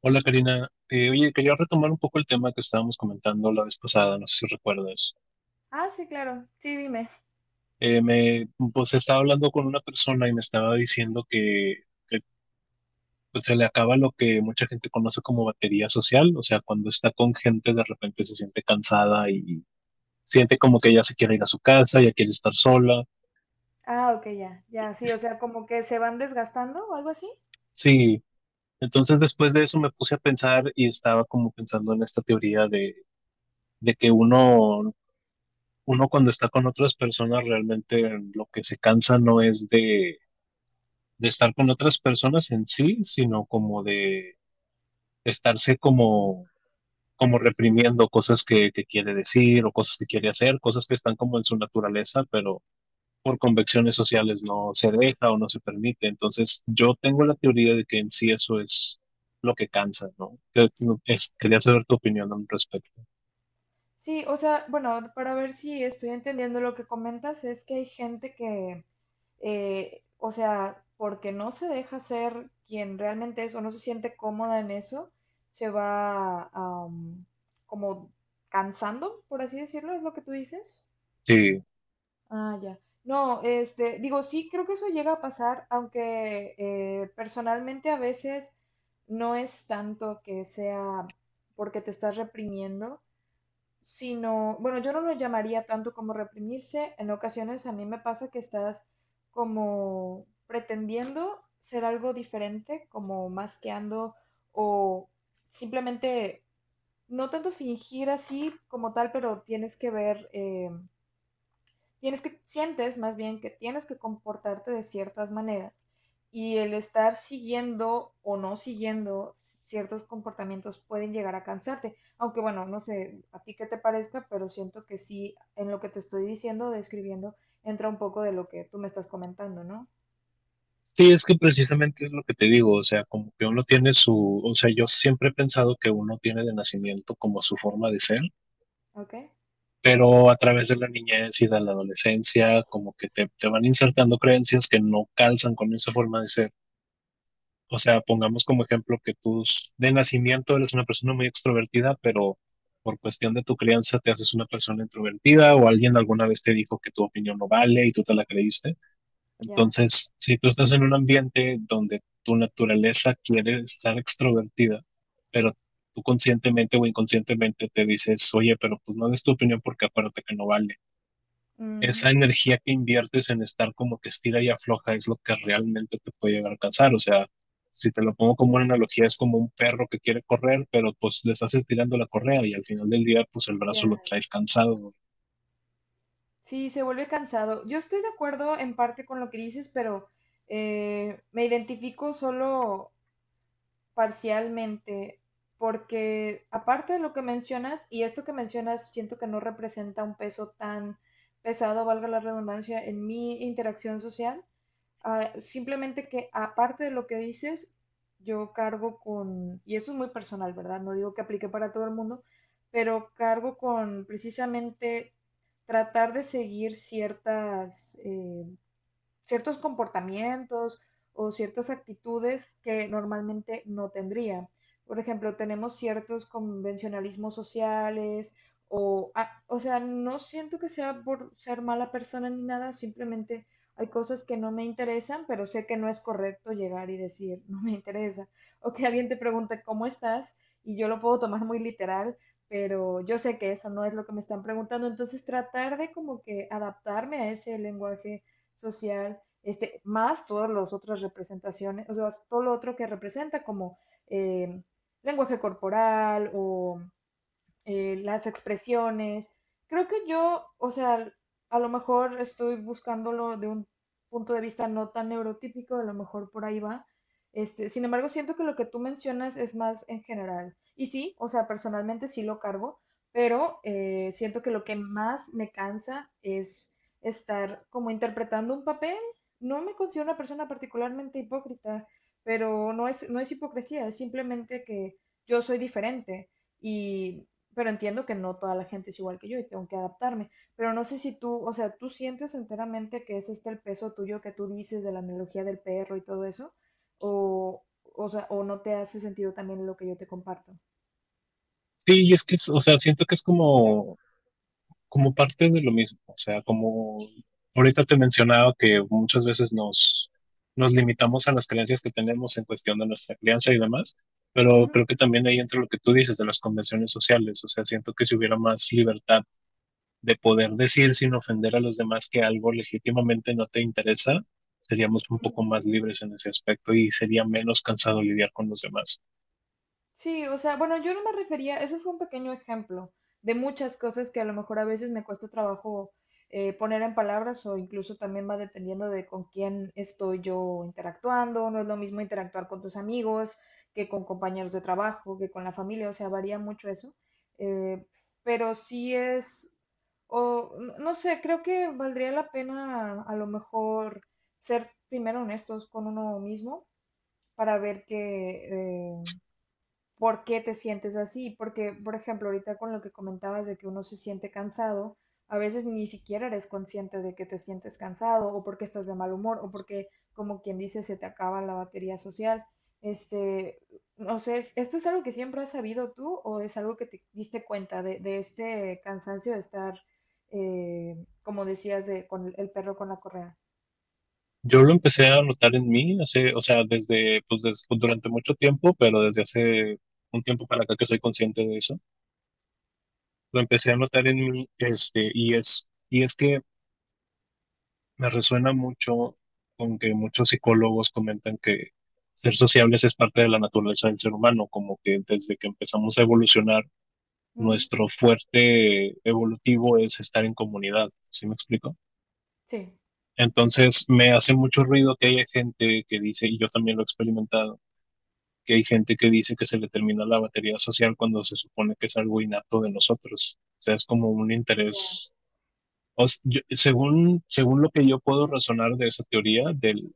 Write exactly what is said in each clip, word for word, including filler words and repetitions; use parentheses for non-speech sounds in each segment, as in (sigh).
Hola Karina, Eh, oye, quería retomar un poco el tema que estábamos comentando la vez pasada, no sé si recuerdas. Ah, sí, claro. Sí, dime. Eh, me, pues estaba hablando con una persona y me estaba diciendo que, que, pues, se le acaba lo que mucha gente conoce como batería social, o sea, cuando está con gente de repente se siente cansada y siente como que ya se quiere ir a su casa, ya quiere estar sola. Ah, ok, ya, ya, sí, o sea, como que se van desgastando o algo así. Sí, entonces después de eso me puse a pensar y estaba como pensando en esta teoría de, de que uno uno cuando está con otras personas realmente lo que se cansa no es de, de estar con otras personas en sí, sino como de estarse como, como reprimiendo cosas que, que quiere decir o cosas que quiere hacer, cosas que están como en su naturaleza, pero por convenciones sociales no se deja o no se permite. Entonces yo tengo la teoría de que en sí eso es lo que cansa, ¿no? Que- no, es- Quería saber tu opinión al respecto. Sí, o sea, bueno, para ver si estoy entendiendo lo que comentas, es que hay gente que, eh, o sea, porque no se deja ser quien realmente es o no se siente cómoda en eso, se va, am, como cansando, por así decirlo, es lo que tú dices. Sí. Ah, ya. No, este, digo, sí, creo que eso llega a pasar, aunque eh, personalmente a veces no es tanto que sea porque te estás reprimiendo, sino, bueno, yo no lo llamaría tanto como reprimirse. En ocasiones a mí me pasa que estás como pretendiendo ser algo diferente, como masqueando o simplemente, no tanto fingir así como tal, pero tienes que ver eh, tienes que, sientes más bien que tienes que comportarte de ciertas maneras y el estar siguiendo o no siguiendo ciertos comportamientos pueden llegar a cansarte. Aunque bueno, no sé a ti qué te parezca, pero siento que sí, en lo que te estoy diciendo, describiendo, entra un poco de lo que tú me estás comentando, ¿no? Sí, es que precisamente es lo que te digo, o sea, como que uno tiene su, o sea, yo siempre he pensado que uno tiene de nacimiento como su forma de ser, ¿Ok? pero a través de la niñez y de la adolescencia, como que te, te van insertando creencias que no calzan con esa forma de ser. O sea, pongamos como ejemplo que tú s- de nacimiento eres una persona muy extrovertida, pero por cuestión de tu crianza te haces una persona introvertida o alguien alguna vez te dijo que tu opinión no vale y tú te la creíste. Ya. Entonces, si tú estás en un ambiente donde tu naturaleza quiere estar extrovertida, pero tú conscientemente o inconscientemente te dices, oye, pero pues no des tu opinión porque acuérdate que no vale. Ujú. Esa energía que inviertes en estar como que estira y afloja es lo que realmente te puede llegar a cansar. O sea, si te lo pongo como una analogía, es como un perro que quiere correr, pero pues le estás estirando la correa y al final del día, pues el brazo lo Ya. traes cansado. Sí, se vuelve cansado. Yo estoy de acuerdo en parte con lo que dices, pero eh, me identifico solo parcialmente, porque aparte de lo que mencionas, y esto que mencionas siento que no representa un peso tan pesado, valga la redundancia, en mi interacción social, ah, simplemente que aparte de lo que dices, yo cargo con, y esto es muy personal, ¿verdad? No digo que aplique para todo el mundo, pero cargo con precisamente tratar de seguir ciertas eh, ciertos comportamientos o ciertas actitudes que normalmente no tendría. Por ejemplo, tenemos ciertos convencionalismos sociales o, ah, o sea, no siento que sea por ser mala persona ni nada, simplemente hay cosas que no me interesan, pero sé que no es correcto llegar y decir, no me interesa. O que alguien te pregunte, ¿cómo estás? Y yo lo puedo tomar muy literal, pero yo sé que eso no es lo que me están preguntando. Entonces, tratar de como que adaptarme a ese lenguaje social, este, más todas las otras representaciones, o sea, todo lo otro que representa como eh, lenguaje corporal o eh, las expresiones. Creo que yo, o sea, a lo mejor estoy buscándolo de un punto de vista no tan neurotípico, a lo mejor por ahí va. Este, sin embargo, siento que lo que tú mencionas es más en general. Y sí, o sea, personalmente sí lo cargo, pero eh, siento que lo que más me cansa es estar como interpretando un papel. No me considero una persona particularmente hipócrita, pero no es, no es hipocresía, es simplemente que yo soy diferente y pero entiendo que no toda la gente es igual que yo y tengo que adaptarme. Pero no sé si tú, o sea, tú sientes enteramente que es este el peso tuyo que tú dices de la analogía del perro y todo eso, o, o sea, o no te hace sentido también lo que yo te comparto. Sí, y es que, es- o sea, siento que es como como parte de lo mismo, o sea, como ahorita te mencionaba que muchas veces nos, nos limitamos a las creencias que tenemos en cuestión de nuestra crianza y demás, pero Ujú. creo que también ahí entra lo que tú dices de las convenciones sociales, o sea, siento que si hubiera más libertad de poder decir sin ofender a los demás que algo legítimamente no te interesa, seríamos un poco más libres en ese aspecto y sería menos cansado lidiar con los demás. Sí, o sea, bueno, yo no me refería, eso fue un pequeño ejemplo de muchas cosas que a lo mejor a veces me cuesta trabajo eh, poner en palabras o incluso también va dependiendo de con quién estoy yo interactuando, no es lo mismo interactuar con tus amigos que con compañeros de trabajo, que con la familia, o sea, varía mucho eso, eh, pero sí es, o n- no sé, creo que valdría la pena a lo mejor ser primero honestos con uno mismo para ver que eh, por qué te sientes así, porque, por ejemplo, ahorita con lo que comentabas de que uno se siente cansado, a veces ni siquiera eres consciente de que te sientes cansado o porque estás de mal humor o porque, como quien dice, se te acaba la batería social. Este, no sé, es- ¿esto es algo que siempre has sabido tú o es algo que te diste cuenta de, de este cansancio de estar, eh, como decías, de, con el perro con la correa? Yo lo empecé a notar en mí hace, o sea, desde, pues des- pues, durante mucho tiempo, pero desde hace un tiempo para acá que soy consciente de eso. Lo empecé a notar en mí, este, y es, y es que me resuena mucho con que muchos psicólogos comentan que ser sociables es parte de la naturaleza del ser humano, como que desde que empezamos a evolucionar, Ujú. nuestro fuerte evolutivo es estar en comunidad. ¿Sí me explico? Sí. Entonces, me hace mucho ruido que haya gente que dice, y yo también lo he experimentado que hay gente que dice que se le termina la batería social cuando se supone que es algo innato de nosotros. O sea, es como un Ya, interés. O s- yo- según, según lo que yo puedo razonar de esa teoría, del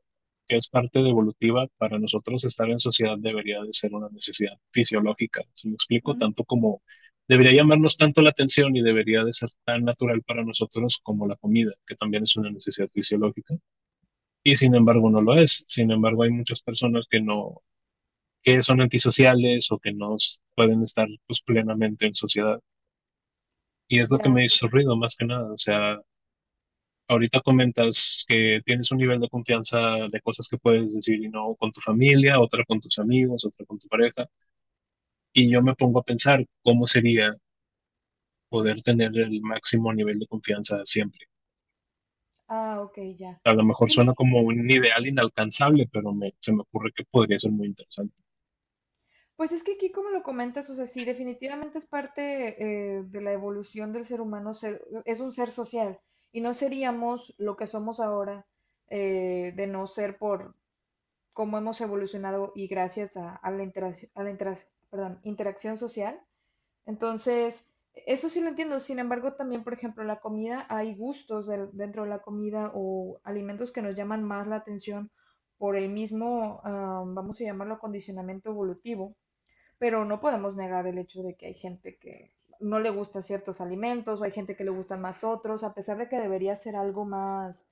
que es parte de evolutiva, para nosotros estar en sociedad debería de ser una necesidad fisiológica. ¿Si me explico? ujú. Tanto como debería llamarnos tanto la atención y debería de ser tan natural para nosotros como la comida, que también es una necesidad fisiológica. Y sin embargo Ok. no lo es. Sin embargo, hay muchas personas que no que son antisociales o que no pueden estar pues, plenamente en sociedad. Y es lo que Ya, me sí. hizo ruido más que nada. O sea, ahorita comentas que tienes un nivel de confianza de cosas que puedes decir y no con tu familia, otra con tus amigos, otra con tu pareja. Y yo me pongo a pensar cómo sería poder tener el máximo nivel de confianza siempre. Ah, ok, ya. A lo mejor suena Sí, como un ideal inalcanzable, pero me, se me ocurre que podría ser muy interesante. pues es que aquí, como lo comentas, o sea, sí, definitivamente es parte eh, de la evolución del ser humano, ser- es un ser social y no seríamos lo que somos ahora eh, de no ser por cómo hemos evolucionado y gracias a, a la, interac- a la interac- perdón, interacción social. Entonces, eso sí lo entiendo. Sin embargo, también, por ejemplo, la comida, hay gustos del- dentro de la comida o alimentos que nos llaman más la atención por el mismo, ah, vamos a llamarlo, acondicionamiento evolutivo pero no podemos negar el hecho de que hay gente que no le gusta ciertos alimentos o hay gente que le gustan más otros, a pesar de que debería ser algo más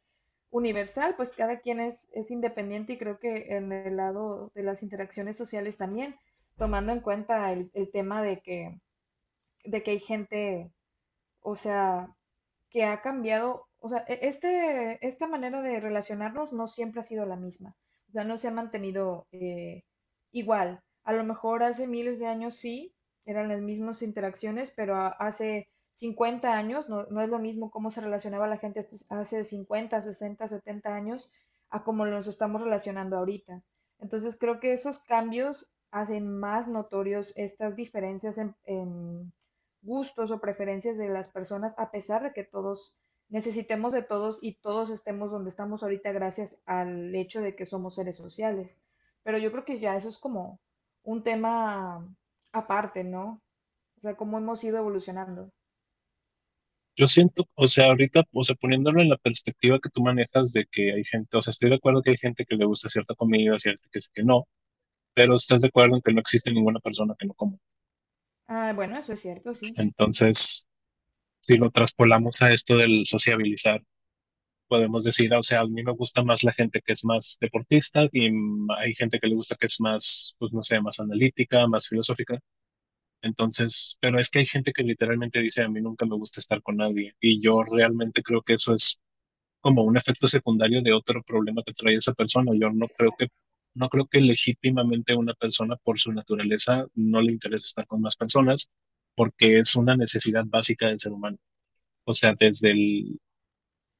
universal, pues cada quien es, es independiente y creo que en el lado de las interacciones sociales también, tomando en cuenta el, el tema de que, de que hay gente, o sea, que ha cambiado, o sea, e, este, esta manera de relacionarnos no siempre ha sido la misma, o sea, no se ha mantenido eh, igual. A lo mejor hace miles de años sí, eran las mismas interacciones, pero a- hace cincuenta años no, no es lo mismo cómo se relacionaba la gente hace hace cincuenta, sesenta, setenta años a cómo nos estamos relacionando ahorita. Entonces creo que esos cambios hacen más notorios estas diferencias en, en gustos o preferencias de las personas, a pesar de que todos necesitemos de todos y todos estemos donde estamos ahorita gracias al hecho de que somos seres sociales. Pero yo creo que ya eso es como un tema aparte, ¿no? O sea, cómo hemos ido evolucionando. Yo siento, o sea, ahorita, o sea, poniéndolo en la perspectiva que tú manejas de que hay gente, o sea, estoy de acuerdo que hay gente que le gusta cierta comida, cierta que, sí, que no, pero estás de acuerdo en que no existe ninguna persona que no coma. Ah, bueno, eso es cierto, sí. Entonces, si lo traspolamos a esto del sociabilizar, podemos decir, o sea, a mí me gusta más la gente que es más deportista y mm, hay gente que le gusta que es más, pues no sé, más analítica, más filosófica. Entonces, pero es que hay gente que literalmente dice, a mí nunca me gusta estar con nadie y yo realmente creo que eso es como un efecto secundario de otro problema que trae esa persona. Yo no creo Exacto. que, no creo que legítimamente una persona por su naturaleza no le interese estar con más personas porque es una necesidad básica del ser humano. O sea, desde el,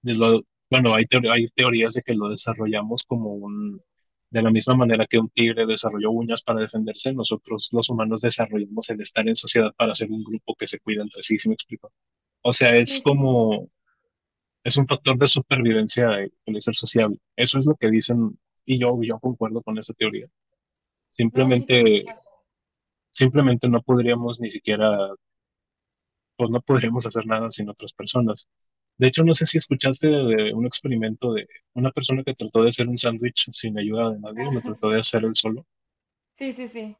de lo- bueno, hay, teor- hay teorías de que lo desarrollamos como un, de la misma manera que un tigre desarrolló uñas para defenderse, nosotros los humanos desarrollamos el estar en sociedad para ser un grupo que se cuida entre sí, ¿sí me explico? O sea, es Sí, sí. como es un factor de supervivencia el el ser sociable. Eso es lo que dicen y yo, yo concuerdo con esa teoría. No, sí tienes Simplemente, razón. simplemente no podríamos ni siquiera, pues no podríamos hacer nada sin otras personas. De hecho, no sé si escuchaste de, de un experimento de una persona que trató de hacer un sándwich sin ayuda de nadie, lo Ah, trató de (laughs) hacer él solo. sí, sí, sí.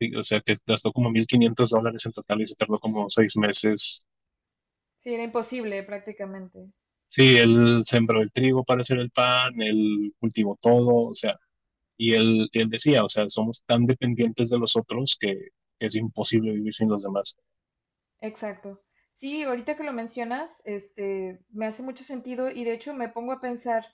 Sí, o sea, que gastó como mil quinientos dólares en total y se tardó como seis meses. Sí, era imposible prácticamente. Sí, él sembró el trigo para hacer el pan, él cultivó todo, o sea, y él, él decía, o sea, somos tan dependientes de los otros que es imposible vivir sin los demás. Exacto. Sí, ahorita que lo mencionas, este, me hace mucho sentido y de hecho me pongo a pensar,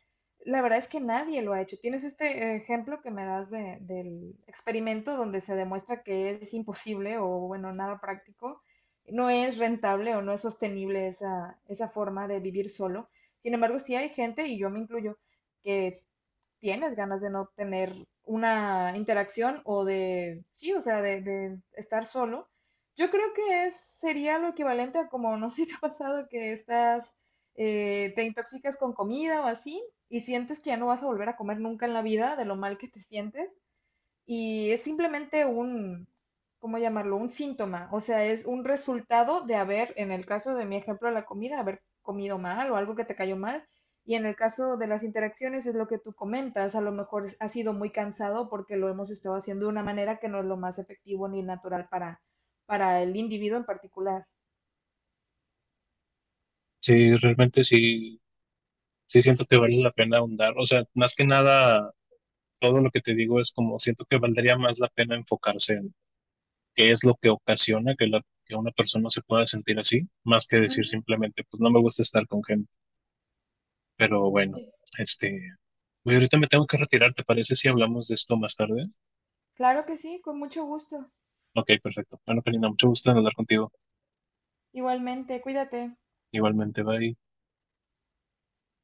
la verdad es que nadie lo ha hecho. Tienes este ejemplo que me das de- del experimento donde se demuestra que es imposible o bueno, nada práctico, no es rentable o no es sostenible esa, esa forma de vivir solo. Sin embargo, sí hay gente, y yo me incluyo, que tienes ganas de no tener una interacción o de, sí, o sea, de, de estar solo. Yo creo que es, sería lo equivalente a como, no sé si te ha pasado que estás, eh, te intoxicas con comida o así y sientes que ya no vas a volver a comer nunca en la vida de lo mal que te sientes y es simplemente un, ¿cómo llamarlo? Un síntoma, o sea, es un resultado de haber, en el caso de mi ejemplo de la comida, haber comido mal o algo que te cayó mal. Y en el caso de las interacciones es lo que tú comentas, a lo mejor ha sido muy cansado porque lo hemos estado haciendo de una manera que no es lo más efectivo ni natural para, para el individuo en particular. Sí, realmente sí, sí, siento que vale la pena ahondar. O sea, más que nada, todo lo que te digo es como siento que valdría más la pena enfocarse en qué es lo que ocasiona que, la, que una persona se pueda sentir así, más que decir Ujú, simplemente, pues no me gusta estar con gente. Pero bueno, sí. este, güey, ahorita me tengo que retirar, ¿te parece si hablamos de esto más tarde? Claro que sí, con mucho gusto. Ok, perfecto. Bueno, Karina, mucho gusto en hablar contigo. Igualmente, cuídate. Igualmente, bye.